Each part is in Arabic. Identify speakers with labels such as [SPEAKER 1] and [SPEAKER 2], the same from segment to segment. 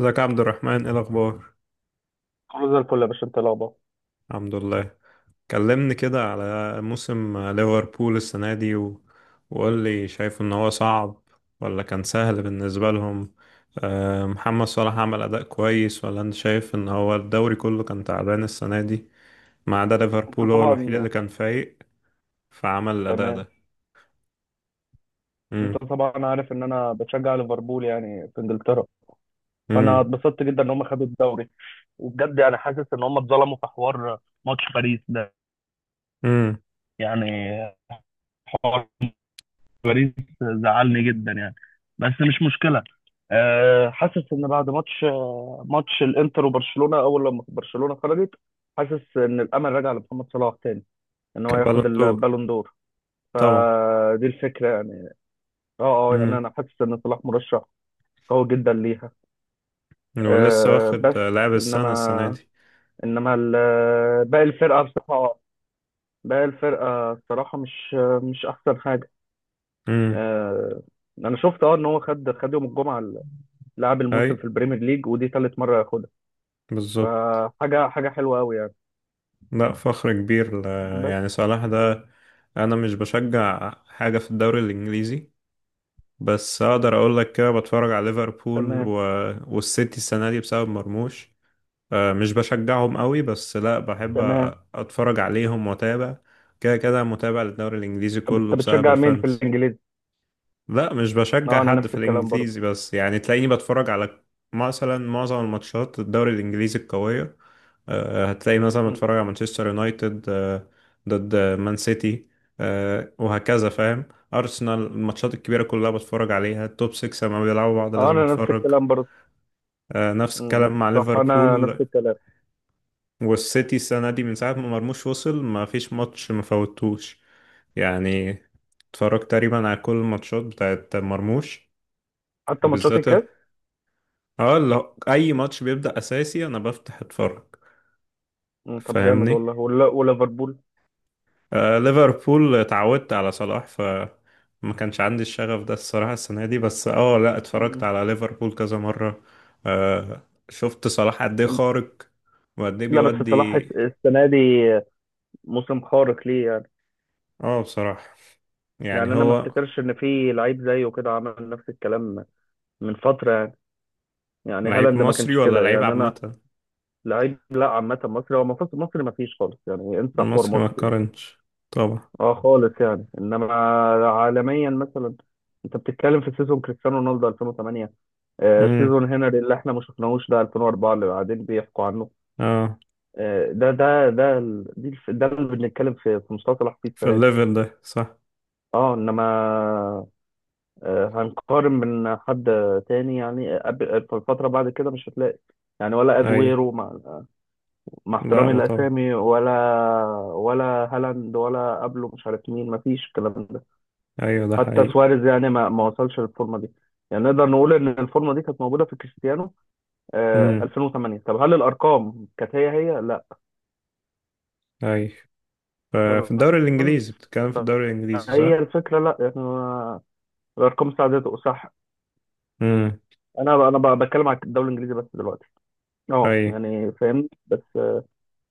[SPEAKER 1] ازيك يا عبد الرحمن؟ ايه الاخبار؟
[SPEAKER 2] كله زي الفل يا باشا، انت إيه الاخبار؟
[SPEAKER 1] الحمد لله. كلمني كده على موسم ليفربول السنه دي وقول لي، شايف ان هو صعب ولا كان سهل بالنسبه لهم؟ محمد صلاح عمل اداء كويس، ولا انت شايف ان هو الدوري كله كان تعبان السنه دي ما عدا
[SPEAKER 2] انت
[SPEAKER 1] ليفربول؟ هو الوحيد اللي
[SPEAKER 2] طبعا.
[SPEAKER 1] كان فايق. فعمل الاداء
[SPEAKER 2] تمام.
[SPEAKER 1] ده.
[SPEAKER 2] انت
[SPEAKER 1] امم
[SPEAKER 2] طبعا عارف ان انا بشجع ليفربول يعني في انجلترا. فانا
[SPEAKER 1] امم
[SPEAKER 2] اتبسطت جدا ان هم خدوا الدوري. وبجد يعني حاسس ان هم اتظلموا في حوار ماتش باريس ده.
[SPEAKER 1] امم
[SPEAKER 2] يعني حوار باريس زعلني جدا يعني، بس مش مشكله. أه، حاسس ان بعد ماتش الانتر وبرشلونه، اول لما برشلونه خرجت، حاسس ان الامل رجع لمحمد صلاح تاني، ان هو
[SPEAKER 1] كبالون
[SPEAKER 2] ياخد
[SPEAKER 1] دور.
[SPEAKER 2] البالون دور.
[SPEAKER 1] طبعا.
[SPEAKER 2] فدي الفكره يعني. اه. اه يعني
[SPEAKER 1] امم
[SPEAKER 2] انا حاسس ان صلاح مرشح قوي جدا ليها.
[SPEAKER 1] ولسه
[SPEAKER 2] أه،
[SPEAKER 1] واخد
[SPEAKER 2] بس.
[SPEAKER 1] لاعب السنه
[SPEAKER 2] انما
[SPEAKER 1] دي.
[SPEAKER 2] انما باقي الفرقه بصراحه، باقي الفرقه الصراحه مش احسن حاجه.
[SPEAKER 1] امم
[SPEAKER 2] أه. انا شفت ان هو خد يوم الجمعه لاعب
[SPEAKER 1] اي،
[SPEAKER 2] الموسم في البريمير ليج، ودي ثالث مره ياخدها.
[SPEAKER 1] بالظبط.
[SPEAKER 2] فحاجه حلوه قوي يعني.
[SPEAKER 1] لا، فخر كبير
[SPEAKER 2] بس.
[SPEAKER 1] يعني صلاح ده. انا مش بشجع حاجه في الدوري الانجليزي، بس اقدر اقول لك كده بتفرج على ليفربول
[SPEAKER 2] تمام.
[SPEAKER 1] والسيتي السنه دي بسبب مرموش. مش بشجعهم قوي، بس لا بحب
[SPEAKER 2] تمام.
[SPEAKER 1] اتفرج عليهم واتابع. كده كده متابع للدوري الانجليزي
[SPEAKER 2] طب انت
[SPEAKER 1] كله بسبب
[SPEAKER 2] بتشجع مين في
[SPEAKER 1] الفانتسي.
[SPEAKER 2] الانجليزي؟
[SPEAKER 1] لا، مش بشجع
[SPEAKER 2] اه، انا
[SPEAKER 1] حد
[SPEAKER 2] نفس
[SPEAKER 1] في
[SPEAKER 2] الكلام برضه.
[SPEAKER 1] الانجليزي، بس يعني تلاقيني بتفرج على مثلا معظم الماتشات الدوري الانجليزي القويه. هتلاقي مثلا بتفرج
[SPEAKER 2] مم.
[SPEAKER 1] على مانشستر يونايتد ضد مان سيتي، وهكذا فاهم. ارسنال الماتشات الكبيره كلها بتفرج عليها، التوب 6 لما بيلعبوا بعض
[SPEAKER 2] اه،
[SPEAKER 1] لازم
[SPEAKER 2] انا نفس
[SPEAKER 1] اتفرج.
[SPEAKER 2] الكلام برضه.
[SPEAKER 1] نفس الكلام
[SPEAKER 2] مم.
[SPEAKER 1] مع
[SPEAKER 2] صح، انا نفس
[SPEAKER 1] ليفربول
[SPEAKER 2] الكلام.
[SPEAKER 1] والسيتي السنه دي، من ساعه ما مرموش وصل ما فيش ماتش ما فوتوش. يعني اتفرجت تقريبا على كل الماتشات بتاعت مرموش
[SPEAKER 2] حتى ماتشات
[SPEAKER 1] بالذات.
[SPEAKER 2] الكاس.
[SPEAKER 1] اه اللي هو اي ماتش بيبدأ اساسي انا بفتح اتفرج.
[SPEAKER 2] مم، طب جامد
[SPEAKER 1] فاهمني.
[SPEAKER 2] والله. وليفربول.
[SPEAKER 1] ليفربول اتعودت على صلاح ف ما كانش عندي الشغف ده الصراحة السنة دي، بس لا اتفرجت
[SPEAKER 2] مم.
[SPEAKER 1] على ليفربول كذا مرة. شفت صلاح قد ايه خارق وقد ايه
[SPEAKER 2] لا، بس صلاح
[SPEAKER 1] بيودي.
[SPEAKER 2] السنه دي موسم خارق ليه يعني.
[SPEAKER 1] اه بصراحة
[SPEAKER 2] يعني
[SPEAKER 1] يعني
[SPEAKER 2] انا ما
[SPEAKER 1] هو،
[SPEAKER 2] افتكرش ان في لعيب زيه كده عمل نفس الكلام من فتره يعني. يعني
[SPEAKER 1] لعيب
[SPEAKER 2] هالاند ما
[SPEAKER 1] مصري
[SPEAKER 2] كانش
[SPEAKER 1] ولا
[SPEAKER 2] كده
[SPEAKER 1] لعيب
[SPEAKER 2] يعني انا.
[SPEAKER 1] عامة؟
[SPEAKER 2] لعيب لا، عامه مصري، هو مصري ما فيش خالص يعني، انسى حوار
[SPEAKER 1] المصري ما
[SPEAKER 2] مصري ده.
[SPEAKER 1] تقارنش طبعا.
[SPEAKER 2] اه خالص يعني، انما عالميا مثلا انت بتتكلم في سيزون كريستيانو رونالدو 2008.
[SPEAKER 1] امم
[SPEAKER 2] سيزون هنري اللي احنا ما شفناهوش ده 2004 اللي قاعدين بيحكوا عنه.
[SPEAKER 1] اه
[SPEAKER 2] آه، ده ده ده ال- دي الف- ده اللي بنتكلم في مستوى فيه
[SPEAKER 1] في
[SPEAKER 2] السنه دي.
[SPEAKER 1] الليفل ده، صح.
[SPEAKER 2] اه، انما هنقارن من حد تاني يعني، في الفتره بعد كده مش هتلاقي. يعني ولا
[SPEAKER 1] اي.
[SPEAKER 2] اجويرو مع
[SPEAKER 1] لا،
[SPEAKER 2] احترامي
[SPEAKER 1] ما طبعا.
[SPEAKER 2] لاسامي، ولا هالاند ولا قبله، مش عارف مين، مفيش الكلام ده.
[SPEAKER 1] ايوه، ده
[SPEAKER 2] حتى
[SPEAKER 1] حقيقي.
[SPEAKER 2] سواريز يعني ما وصلش للفورمه دي. يعني نقدر نقول ان الفورمه دي كانت موجوده في كريستيانو
[SPEAKER 1] امم
[SPEAKER 2] 2008. طب هل الارقام كانت هي هي؟ لا.
[SPEAKER 1] اي، ففي الدوري
[SPEAKER 2] تمام،
[SPEAKER 1] الانجليزي، بتتكلم في الدوري الانجليزي،
[SPEAKER 2] فهي
[SPEAKER 1] صح.
[SPEAKER 2] الفكره. لا احنا الارقام ساعدته، صح.
[SPEAKER 1] امم
[SPEAKER 2] بتكلم على الدوري الانجليزي بس دلوقتي.
[SPEAKER 1] اي.
[SPEAKER 2] اه يعني فاهمني. بس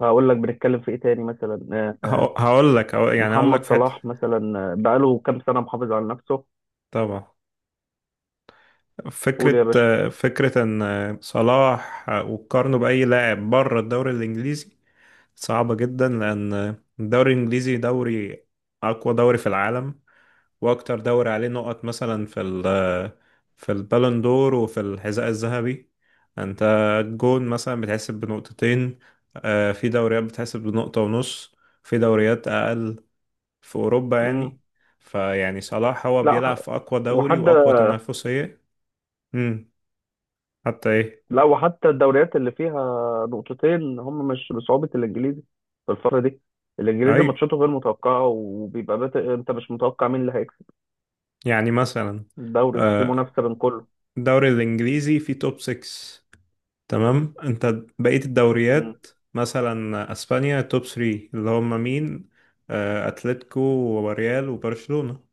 [SPEAKER 2] هقول لك بنتكلم في ايه تاني مثلا،
[SPEAKER 1] يعني هقول لك
[SPEAKER 2] محمد
[SPEAKER 1] في حته.
[SPEAKER 2] صلاح مثلا، بقاله كام سنه محافظ على نفسه.
[SPEAKER 1] طبعا.
[SPEAKER 2] قول يا
[SPEAKER 1] فكره
[SPEAKER 2] باشا.
[SPEAKER 1] فكره ان صلاح وتقارنه باي لاعب بره الدوري الانجليزي صعبه جدا، لان الدوري الانجليزي دوري، اقوى دوري في العالم، واكتر دوري عليه نقط، مثلا في البالون دور وفي الحذاء الذهبي. انت الجون مثلا بتحسب بنقطتين، في دوريات بتحسب بنقطة ونص، في دوريات اقل في اوروبا يعني.
[SPEAKER 2] مم.
[SPEAKER 1] فيعني صلاح هو
[SPEAKER 2] لا ح-
[SPEAKER 1] بيلعب في اقوى دوري
[SPEAKER 2] وحتى.
[SPEAKER 1] واقوى تنافسية. امم حتى ايه؟
[SPEAKER 2] لا وحتى الدوريات اللي فيها نقطتين هم مش بصعوبه الانجليزي في الفتره دي. الانجليزي
[SPEAKER 1] اي،
[SPEAKER 2] ماتشاته غير متوقعه، وبيبقى انت مش متوقع مين اللي هيكسب.
[SPEAKER 1] يعني مثلا
[SPEAKER 2] الدوري في
[SPEAKER 1] آه،
[SPEAKER 2] منافسه بين كله.
[SPEAKER 1] الدوري الانجليزي فيه توب 6، تمام؟ انت بقية
[SPEAKER 2] مم.
[SPEAKER 1] الدوريات مثلا اسبانيا توب 3، اللي هم مين؟ اتلتيكو وريال وبرشلونة.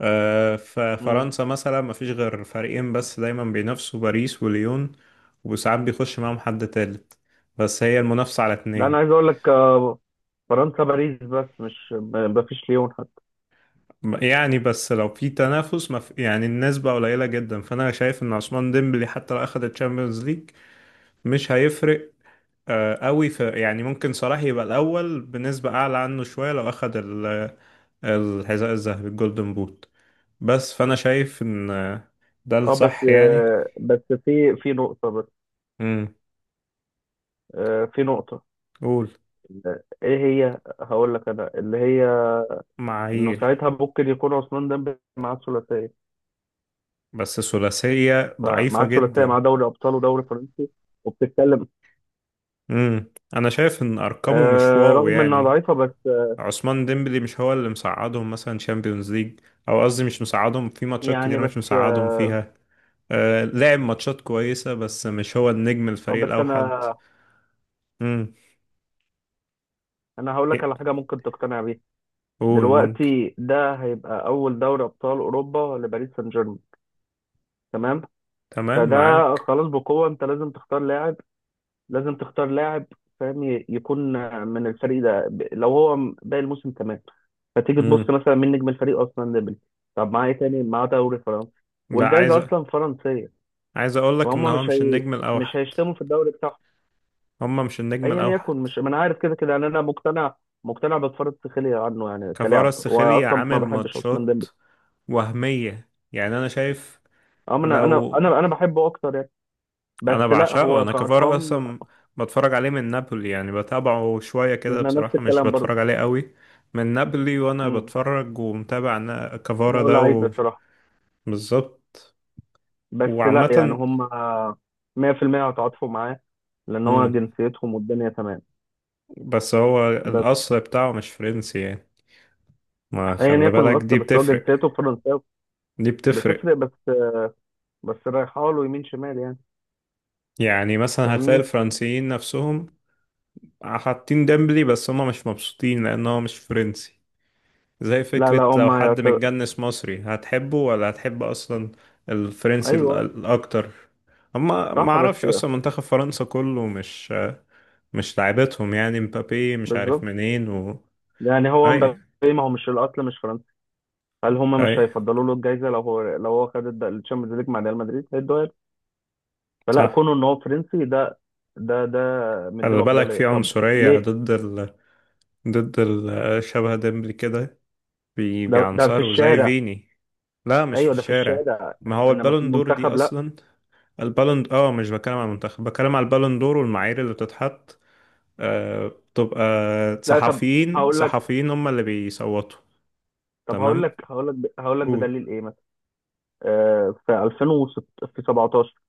[SPEAKER 2] مم.
[SPEAKER 1] ففرنسا مثلا ما فيش غير فريقين، بس دايما بينافسوا، باريس وليون، وساعات بيخش معاهم حد تالت، بس هي المنافسة على
[SPEAKER 2] ده انا
[SPEAKER 1] اتنين.
[SPEAKER 2] عايز اقول لك، فرنسا باريس بس، مش ما فيش ليون حتى.
[SPEAKER 1] يعني بس لو في تنافس، ما في يعني، النسبة قليلة جدا. فأنا شايف إن عثمان ديمبلي حتى لو أخد الشامبيونز ليج مش هيفرق قوي في يعني. ممكن صلاح يبقى الأول بنسبة أعلى عنه شوية لو أخد الحذاء الذهبي الجولدن بوت. بس فأنا شايف إن ده
[SPEAKER 2] اه بس،
[SPEAKER 1] الصح يعني.
[SPEAKER 2] بس في نقطة. بس
[SPEAKER 1] امم
[SPEAKER 2] في نقطة.
[SPEAKER 1] قول.
[SPEAKER 2] ايه هي؟ هقول لك انا اللي هي، انه
[SPEAKER 1] معايير.
[SPEAKER 2] ساعتها ممكن يكون عثمان ديمبلي معاه الثلاثية.
[SPEAKER 1] بس ثلاثية ضعيفة
[SPEAKER 2] فمعاه الثلاثية،
[SPEAKER 1] جدا.
[SPEAKER 2] معاه دوري ابطال ودوري فرنسي، وبتتكلم.
[SPEAKER 1] امم أنا شايف إن أرقامه مش واو
[SPEAKER 2] رغم انها
[SPEAKER 1] يعني.
[SPEAKER 2] ضعيفة، بس
[SPEAKER 1] عثمان ديمبلي مش هو اللي مساعدهم مثلا شامبيونز ليج، أو قصدي مش مساعدهم في ماتشات
[SPEAKER 2] يعني
[SPEAKER 1] كتير، مش
[SPEAKER 2] بس.
[SPEAKER 1] مساعدهم فيها. لعب ماتشات كويسة، بس مش هو النجم الفريق
[SPEAKER 2] بس
[SPEAKER 1] الأوحد.
[SPEAKER 2] انا
[SPEAKER 1] امم
[SPEAKER 2] انا هقول لك على حاجة ممكن تقتنع بيها.
[SPEAKER 1] قول ممكن.
[SPEAKER 2] دلوقتي ده هيبقى اول دوري ابطال اوروبا لباريس سان جيرمان. تمام.
[SPEAKER 1] تمام،
[SPEAKER 2] فده
[SPEAKER 1] معاك.
[SPEAKER 2] خلاص، بقوة انت لازم تختار لاعب. لازم تختار لاعب فاهم يكون من الفريق ده، لو هو باقي الموسم تمام. فتيجي تبص
[SPEAKER 1] امم
[SPEAKER 2] مثلا مين نجم الفريق اصلا؟ ديمبلي. طب معاه ايه تاني؟ معاه دوري فرنسي،
[SPEAKER 1] لا، عايز
[SPEAKER 2] والجايزة اصلا فرنسية.
[SPEAKER 1] عايز اقول لك ان
[SPEAKER 2] فهم
[SPEAKER 1] هو
[SPEAKER 2] مش
[SPEAKER 1] مش
[SPEAKER 2] هي...
[SPEAKER 1] النجم
[SPEAKER 2] مش
[SPEAKER 1] الاوحد.
[SPEAKER 2] هيشتموا في الدوري بتاعهم.
[SPEAKER 1] هما مش النجم
[SPEAKER 2] ايا
[SPEAKER 1] الاوحد.
[SPEAKER 2] يكن، مش ما انا عارف، كده كده يعني انا مقتنع، مقتنع. بتفرج سخيلي عنه يعني
[SPEAKER 1] كفارة
[SPEAKER 2] كلاعب،
[SPEAKER 1] السخيلي
[SPEAKER 2] واصلا
[SPEAKER 1] عامل
[SPEAKER 2] ما بحبش عثمان
[SPEAKER 1] ماتشات
[SPEAKER 2] ديمبلي.
[SPEAKER 1] وهمية، يعني انا شايف.
[SPEAKER 2] اه، انا انا
[SPEAKER 1] لو
[SPEAKER 2] انا انا بحبه اكتر يعني.
[SPEAKER 1] انا
[SPEAKER 2] بس لا،
[SPEAKER 1] بعشقه،
[SPEAKER 2] هو
[SPEAKER 1] انا كفارة
[SPEAKER 2] كارقام.
[SPEAKER 1] اصلا. بتفرج عليه من نابولي، يعني بتابعه شوية كده
[SPEAKER 2] انا نفس
[SPEAKER 1] بصراحة، مش
[SPEAKER 2] الكلام
[SPEAKER 1] بتفرج عليه قوي من نابولي. وانا
[SPEAKER 2] برضه.
[SPEAKER 1] بتفرج ومتابع أنا كفارة
[SPEAKER 2] لا، هو
[SPEAKER 1] ده
[SPEAKER 2] لعيب بصراحة.
[SPEAKER 1] بالظبط
[SPEAKER 2] بس لا يعني
[SPEAKER 1] وعامة.
[SPEAKER 2] هم 100% هتعاطفوا معاه لأن هو
[SPEAKER 1] امم
[SPEAKER 2] جنسيتهم والدنيا تمام.
[SPEAKER 1] بس هو
[SPEAKER 2] بس
[SPEAKER 1] الاصل بتاعه مش فرنسي يعني، ما
[SPEAKER 2] أيا
[SPEAKER 1] خلي
[SPEAKER 2] يكن
[SPEAKER 1] بالك
[SPEAKER 2] الأصل،
[SPEAKER 1] دي
[SPEAKER 2] بس هو
[SPEAKER 1] بتفرق.
[SPEAKER 2] جنسيته فرنساوي،
[SPEAKER 1] دي بتفرق.
[SPEAKER 2] بتفرق. بس رايحة له يمين شمال يعني.
[SPEAKER 1] يعني مثلا هتلاقي
[SPEAKER 2] فاهمني؟
[SPEAKER 1] الفرنسيين نفسهم حاطين ديمبلي، بس هما مش مبسوطين لأن هو مش فرنسي. زي
[SPEAKER 2] لا لا،
[SPEAKER 1] فكرة
[SPEAKER 2] هم
[SPEAKER 1] لو حد متجنس مصري هتحبه ولا هتحب أصلا الفرنسي
[SPEAKER 2] أيوه.
[SPEAKER 1] الأكتر. أما ما
[SPEAKER 2] صح
[SPEAKER 1] أعرفش
[SPEAKER 2] بس.
[SPEAKER 1] أصلا، منتخب فرنسا كله مش، مش لعيبتهم يعني، مبابي مش عارف
[SPEAKER 2] بالظبط.
[SPEAKER 1] منين
[SPEAKER 2] يعني هو
[SPEAKER 1] أي،
[SPEAKER 2] مبابي، ما هو مش الأصل مش فرنسي. هل هم مش
[SPEAKER 1] أي،
[SPEAKER 2] هيفضلوا له الجايزة لو هو خد الشامبيونز ليج مع ريال مدريد هيدوها له. فلا،
[SPEAKER 1] صح.
[SPEAKER 2] كونه إن هو فرنسي ده، ده ده
[SPEAKER 1] خلي
[SPEAKER 2] مديله
[SPEAKER 1] بالك في
[SPEAKER 2] أفضلية، طب
[SPEAKER 1] عنصرية
[SPEAKER 2] ليه؟
[SPEAKER 1] شبه ديمبلي كده.
[SPEAKER 2] ده في
[SPEAKER 1] بيعنصروا زي
[SPEAKER 2] الشارع.
[SPEAKER 1] فيني. لا، مش في
[SPEAKER 2] ايوه، ده في
[SPEAKER 1] الشارع.
[SPEAKER 2] الشارع.
[SPEAKER 1] ما هو
[SPEAKER 2] انما في
[SPEAKER 1] البالون دور دي
[SPEAKER 2] المنتخب لا.
[SPEAKER 1] اصلا، البالون، مش بتكلم على المنتخب، بتكلم على البالون دور والمعايير اللي بتتحط. بتبقى
[SPEAKER 2] لا، طب
[SPEAKER 1] صحفيين
[SPEAKER 2] هقول لك،
[SPEAKER 1] صحفيين هم اللي بيصوتوا.
[SPEAKER 2] طب هقول
[SPEAKER 1] تمام،
[SPEAKER 2] لك هقول لك هقول لك
[SPEAKER 1] قول.
[SPEAKER 2] بدليل ايه مثلا. في 2006، في 17،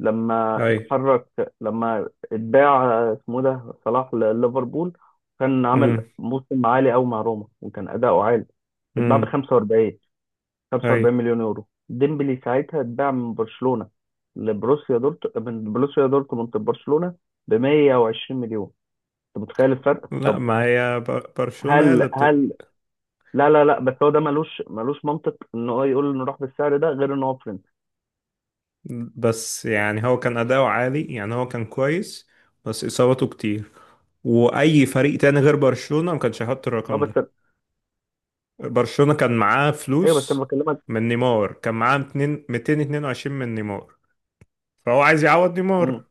[SPEAKER 2] لما
[SPEAKER 1] اي.
[SPEAKER 2] اتحرك، لما اتباع، اسمه ده صلاح لليفربول، كان عمل
[SPEAKER 1] امم
[SPEAKER 2] موسم عالي قوي مع روما وكان اداؤه عالي. اتباع ب
[SPEAKER 1] امم اي.
[SPEAKER 2] 45 مليون يورو. ديمبلي ساعتها اتباع من برشلونة لبروسيا دورت من بروسيا دورتموند لبرشلونة ب 120 مليون. انت متخيل الفرق؟
[SPEAKER 1] لا،
[SPEAKER 2] طب
[SPEAKER 1] ما هي برشلونة هي اللي
[SPEAKER 2] هل
[SPEAKER 1] بت،
[SPEAKER 2] هل لا لا لا، بس هو ده ملوش منطق ان هو يقول نروح بالسعر ده، غير ان هو فريند.
[SPEAKER 1] بس يعني هو كان اداؤه عالي، يعني هو كان كويس، بس اصابته كتير. واي فريق تاني غير برشلونة ما كانش هيحط
[SPEAKER 2] اه
[SPEAKER 1] الرقم ده.
[SPEAKER 2] بس.
[SPEAKER 1] برشلونة كان معاه
[SPEAKER 2] ايوه بس انا
[SPEAKER 1] فلوس
[SPEAKER 2] بكلمك.
[SPEAKER 1] من نيمار، كان معاه 200 222 من نيمار، فهو عايز يعوض نيمار.
[SPEAKER 2] امم.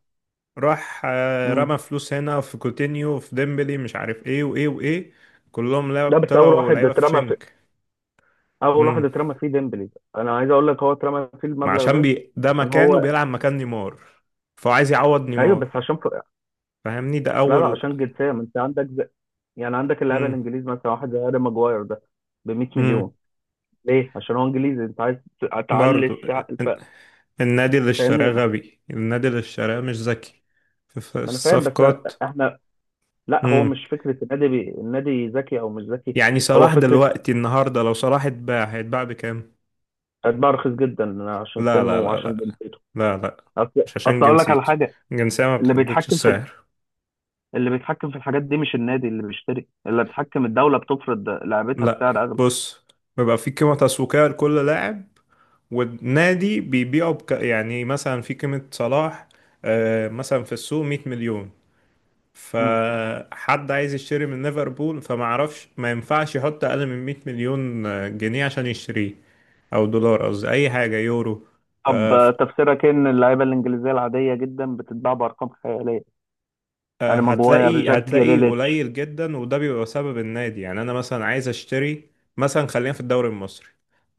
[SPEAKER 1] راح
[SPEAKER 2] امم.
[SPEAKER 1] رمى فلوس هنا في كوتينيو، في ديمبلي، مش عارف ايه وايه وايه. كلهم
[SPEAKER 2] لا، بس اول
[SPEAKER 1] طلعوا
[SPEAKER 2] واحد
[SPEAKER 1] لعيبة في
[SPEAKER 2] اترمى في،
[SPEAKER 1] شنك.
[SPEAKER 2] اول واحد
[SPEAKER 1] امم
[SPEAKER 2] اترمى فيه ديمبلي. انا عايز اقول لك هو اترمى فيه
[SPEAKER 1] ما
[SPEAKER 2] المبلغ
[SPEAKER 1] عشان
[SPEAKER 2] ده
[SPEAKER 1] بي ده
[SPEAKER 2] عشان
[SPEAKER 1] مكانه
[SPEAKER 2] هو.
[SPEAKER 1] بيلعب مكان نيمار، فهو عايز يعوض
[SPEAKER 2] ايوه بس
[SPEAKER 1] نيمار،
[SPEAKER 2] عشان
[SPEAKER 1] فاهمني؟ ده
[SPEAKER 2] لا لا،
[SPEAKER 1] اول.
[SPEAKER 2] عشان جنسيه. ما انت عندك يعني عندك اللاعب
[SPEAKER 1] امم
[SPEAKER 2] الانجليزي مثلا، واحد زي هاري ماجواير ده ب 100
[SPEAKER 1] امم
[SPEAKER 2] مليون. ليه؟ عشان هو انجليزي، انت عايز تعلي
[SPEAKER 1] برضو
[SPEAKER 2] السعر
[SPEAKER 1] الن- النادي اللي اشتراه
[SPEAKER 2] فاهمني؟
[SPEAKER 1] غبي، النادي اللي اشتراه مش ذكي في
[SPEAKER 2] ما انا فاهم بس
[SPEAKER 1] الصفقات.
[SPEAKER 2] احنا. لا، هو مش فكره النادي النادي ذكي او مش ذكي،
[SPEAKER 1] يعني
[SPEAKER 2] هو
[SPEAKER 1] صلاح
[SPEAKER 2] فكره
[SPEAKER 1] دلوقتي النهارده لو صلاح اتباع هيتباع بكام؟
[SPEAKER 2] هتبقى رخيص جدا عشان
[SPEAKER 1] لا،
[SPEAKER 2] سنه
[SPEAKER 1] لا، لا،
[SPEAKER 2] وعشان
[SPEAKER 1] لا،
[SPEAKER 2] جنسيته.
[SPEAKER 1] لا، لا،
[SPEAKER 2] اصل،
[SPEAKER 1] مش عشان
[SPEAKER 2] اصل اقول لك على
[SPEAKER 1] جنسيته.
[SPEAKER 2] حاجه،
[SPEAKER 1] الجنسية ما
[SPEAKER 2] اللي
[SPEAKER 1] بتحددش
[SPEAKER 2] بيتحكم في،
[SPEAKER 1] السعر.
[SPEAKER 2] اللي بيتحكم في الحاجات دي مش النادي اللي بيشتري، اللي بيتحكم الدوله بتفرض لعبتها
[SPEAKER 1] لا،
[SPEAKER 2] بسعر اغلى.
[SPEAKER 1] بص، بيبقى في قيمة تسويقية لكل لاعب، والنادي بيبيعه بك، يعني مثلا في قيمة صلاح مثلا في السوق 100 مليون.
[SPEAKER 2] مم.
[SPEAKER 1] فحد عايز يشتري من ليفربول فما عرفش ما ينفعش يحط أقل من 100 مليون جنيه عشان يشتريه، أو دولار قصدي، أي حاجة، يورو.
[SPEAKER 2] طب
[SPEAKER 1] آه،
[SPEAKER 2] تفسيرك إيه ان اللعيبه الانجليزيه العاديه جدا بتتباع بارقام خياليه؟ يعني ماجواير،
[SPEAKER 1] هتلاقي
[SPEAKER 2] جاك
[SPEAKER 1] هتلاقي
[SPEAKER 2] جريليتش.
[SPEAKER 1] قليل جدا، وده بيبقى سبب النادي. يعني انا مثلا عايز اشتري، مثلا خلينا في الدوري المصري،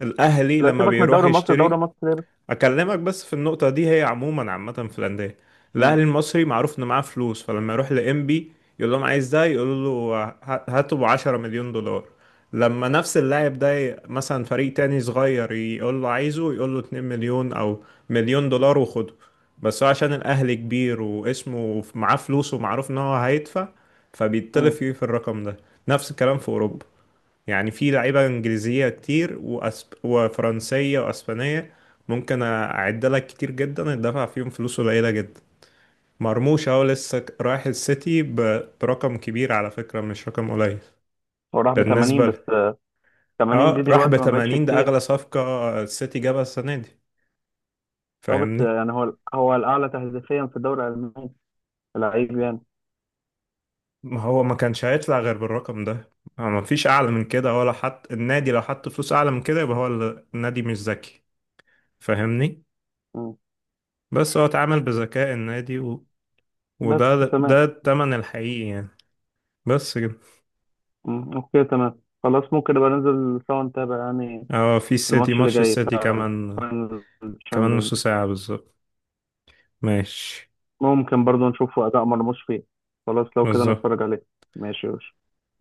[SPEAKER 1] الاهلي
[SPEAKER 2] لا
[SPEAKER 1] لما
[SPEAKER 2] سيبك من
[SPEAKER 1] بيروح
[SPEAKER 2] الدوري المصري، الدوري
[SPEAKER 1] يشتري،
[SPEAKER 2] المصري بس.
[SPEAKER 1] اكلمك بس في النقطه دي، هي عموما عامه في الانديه.
[SPEAKER 2] مم.
[SPEAKER 1] الاهلي المصري معروف انه معاه فلوس، فلما يروح لانبي يقول لهم عايز ده، يقول له هاته ب 10 مليون دولار. لما نفس اللاعب ده مثلا فريق تاني صغير يقول له عايزه، يقول له 2 مليون او مليون دولار وخده. بس هو عشان الاهلي كبير واسمه معاه فلوس ومعروف ان هو هيدفع، فبيتطلب
[SPEAKER 2] مم.
[SPEAKER 1] فيه في الرقم ده. نفس الكلام في اوروبا، يعني في لعيبة إنجليزية كتير وفرنسية وأسبانية، ممكن أعد لك كتير جدا الدفع فيهم فلوس قليلة جدا. مرموش أهو لسه رايح السيتي برقم كبير على فكرة، مش رقم قليل.
[SPEAKER 2] هو راح ب 80
[SPEAKER 1] بالنسبة
[SPEAKER 2] بس، 80
[SPEAKER 1] اه
[SPEAKER 2] دي
[SPEAKER 1] راح ب
[SPEAKER 2] دلوقتي ما بقتش
[SPEAKER 1] 80، ده أغلى
[SPEAKER 2] كتير.
[SPEAKER 1] صفقة السيتي جابها السنة دي،
[SPEAKER 2] هو بس،
[SPEAKER 1] فاهمني.
[SPEAKER 2] يعني هو الاعلى تهديفيا في الدوري الالماني، لعيب يعني.
[SPEAKER 1] ما هو ما كانش هيطلع غير بالرقم ده. ما فيش أعلى من كده، ولا حط النادي، لو حط فلوس أعلى من كده يبقى هو النادي مش ذكي، فاهمني.
[SPEAKER 2] مم.
[SPEAKER 1] بس هو اتعامل بذكاء النادي،
[SPEAKER 2] بس
[SPEAKER 1] وده ده
[SPEAKER 2] تمام.
[SPEAKER 1] التمن الحقيقي يعني. بس كده.
[SPEAKER 2] مم، اوكي، تمام خلاص، ممكن نبقى ننزل سوا نتابع يعني
[SPEAKER 1] اه في السيتي
[SPEAKER 2] الماتش اللي
[SPEAKER 1] ماتش،
[SPEAKER 2] جاي
[SPEAKER 1] السيتي
[SPEAKER 2] بتاع
[SPEAKER 1] كمان،
[SPEAKER 2] الفاينل
[SPEAKER 1] كمان نص
[SPEAKER 2] الشامبيونز.
[SPEAKER 1] ساعة بالظبط. ماشي،
[SPEAKER 2] ممكن برضو نشوفه اداء مرموش فيه. خلاص لو كده
[SPEAKER 1] بالظبط.
[SPEAKER 2] نتفرج عليه. ماشي يا باشا.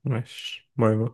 [SPEAKER 1] ماشي، باي باي.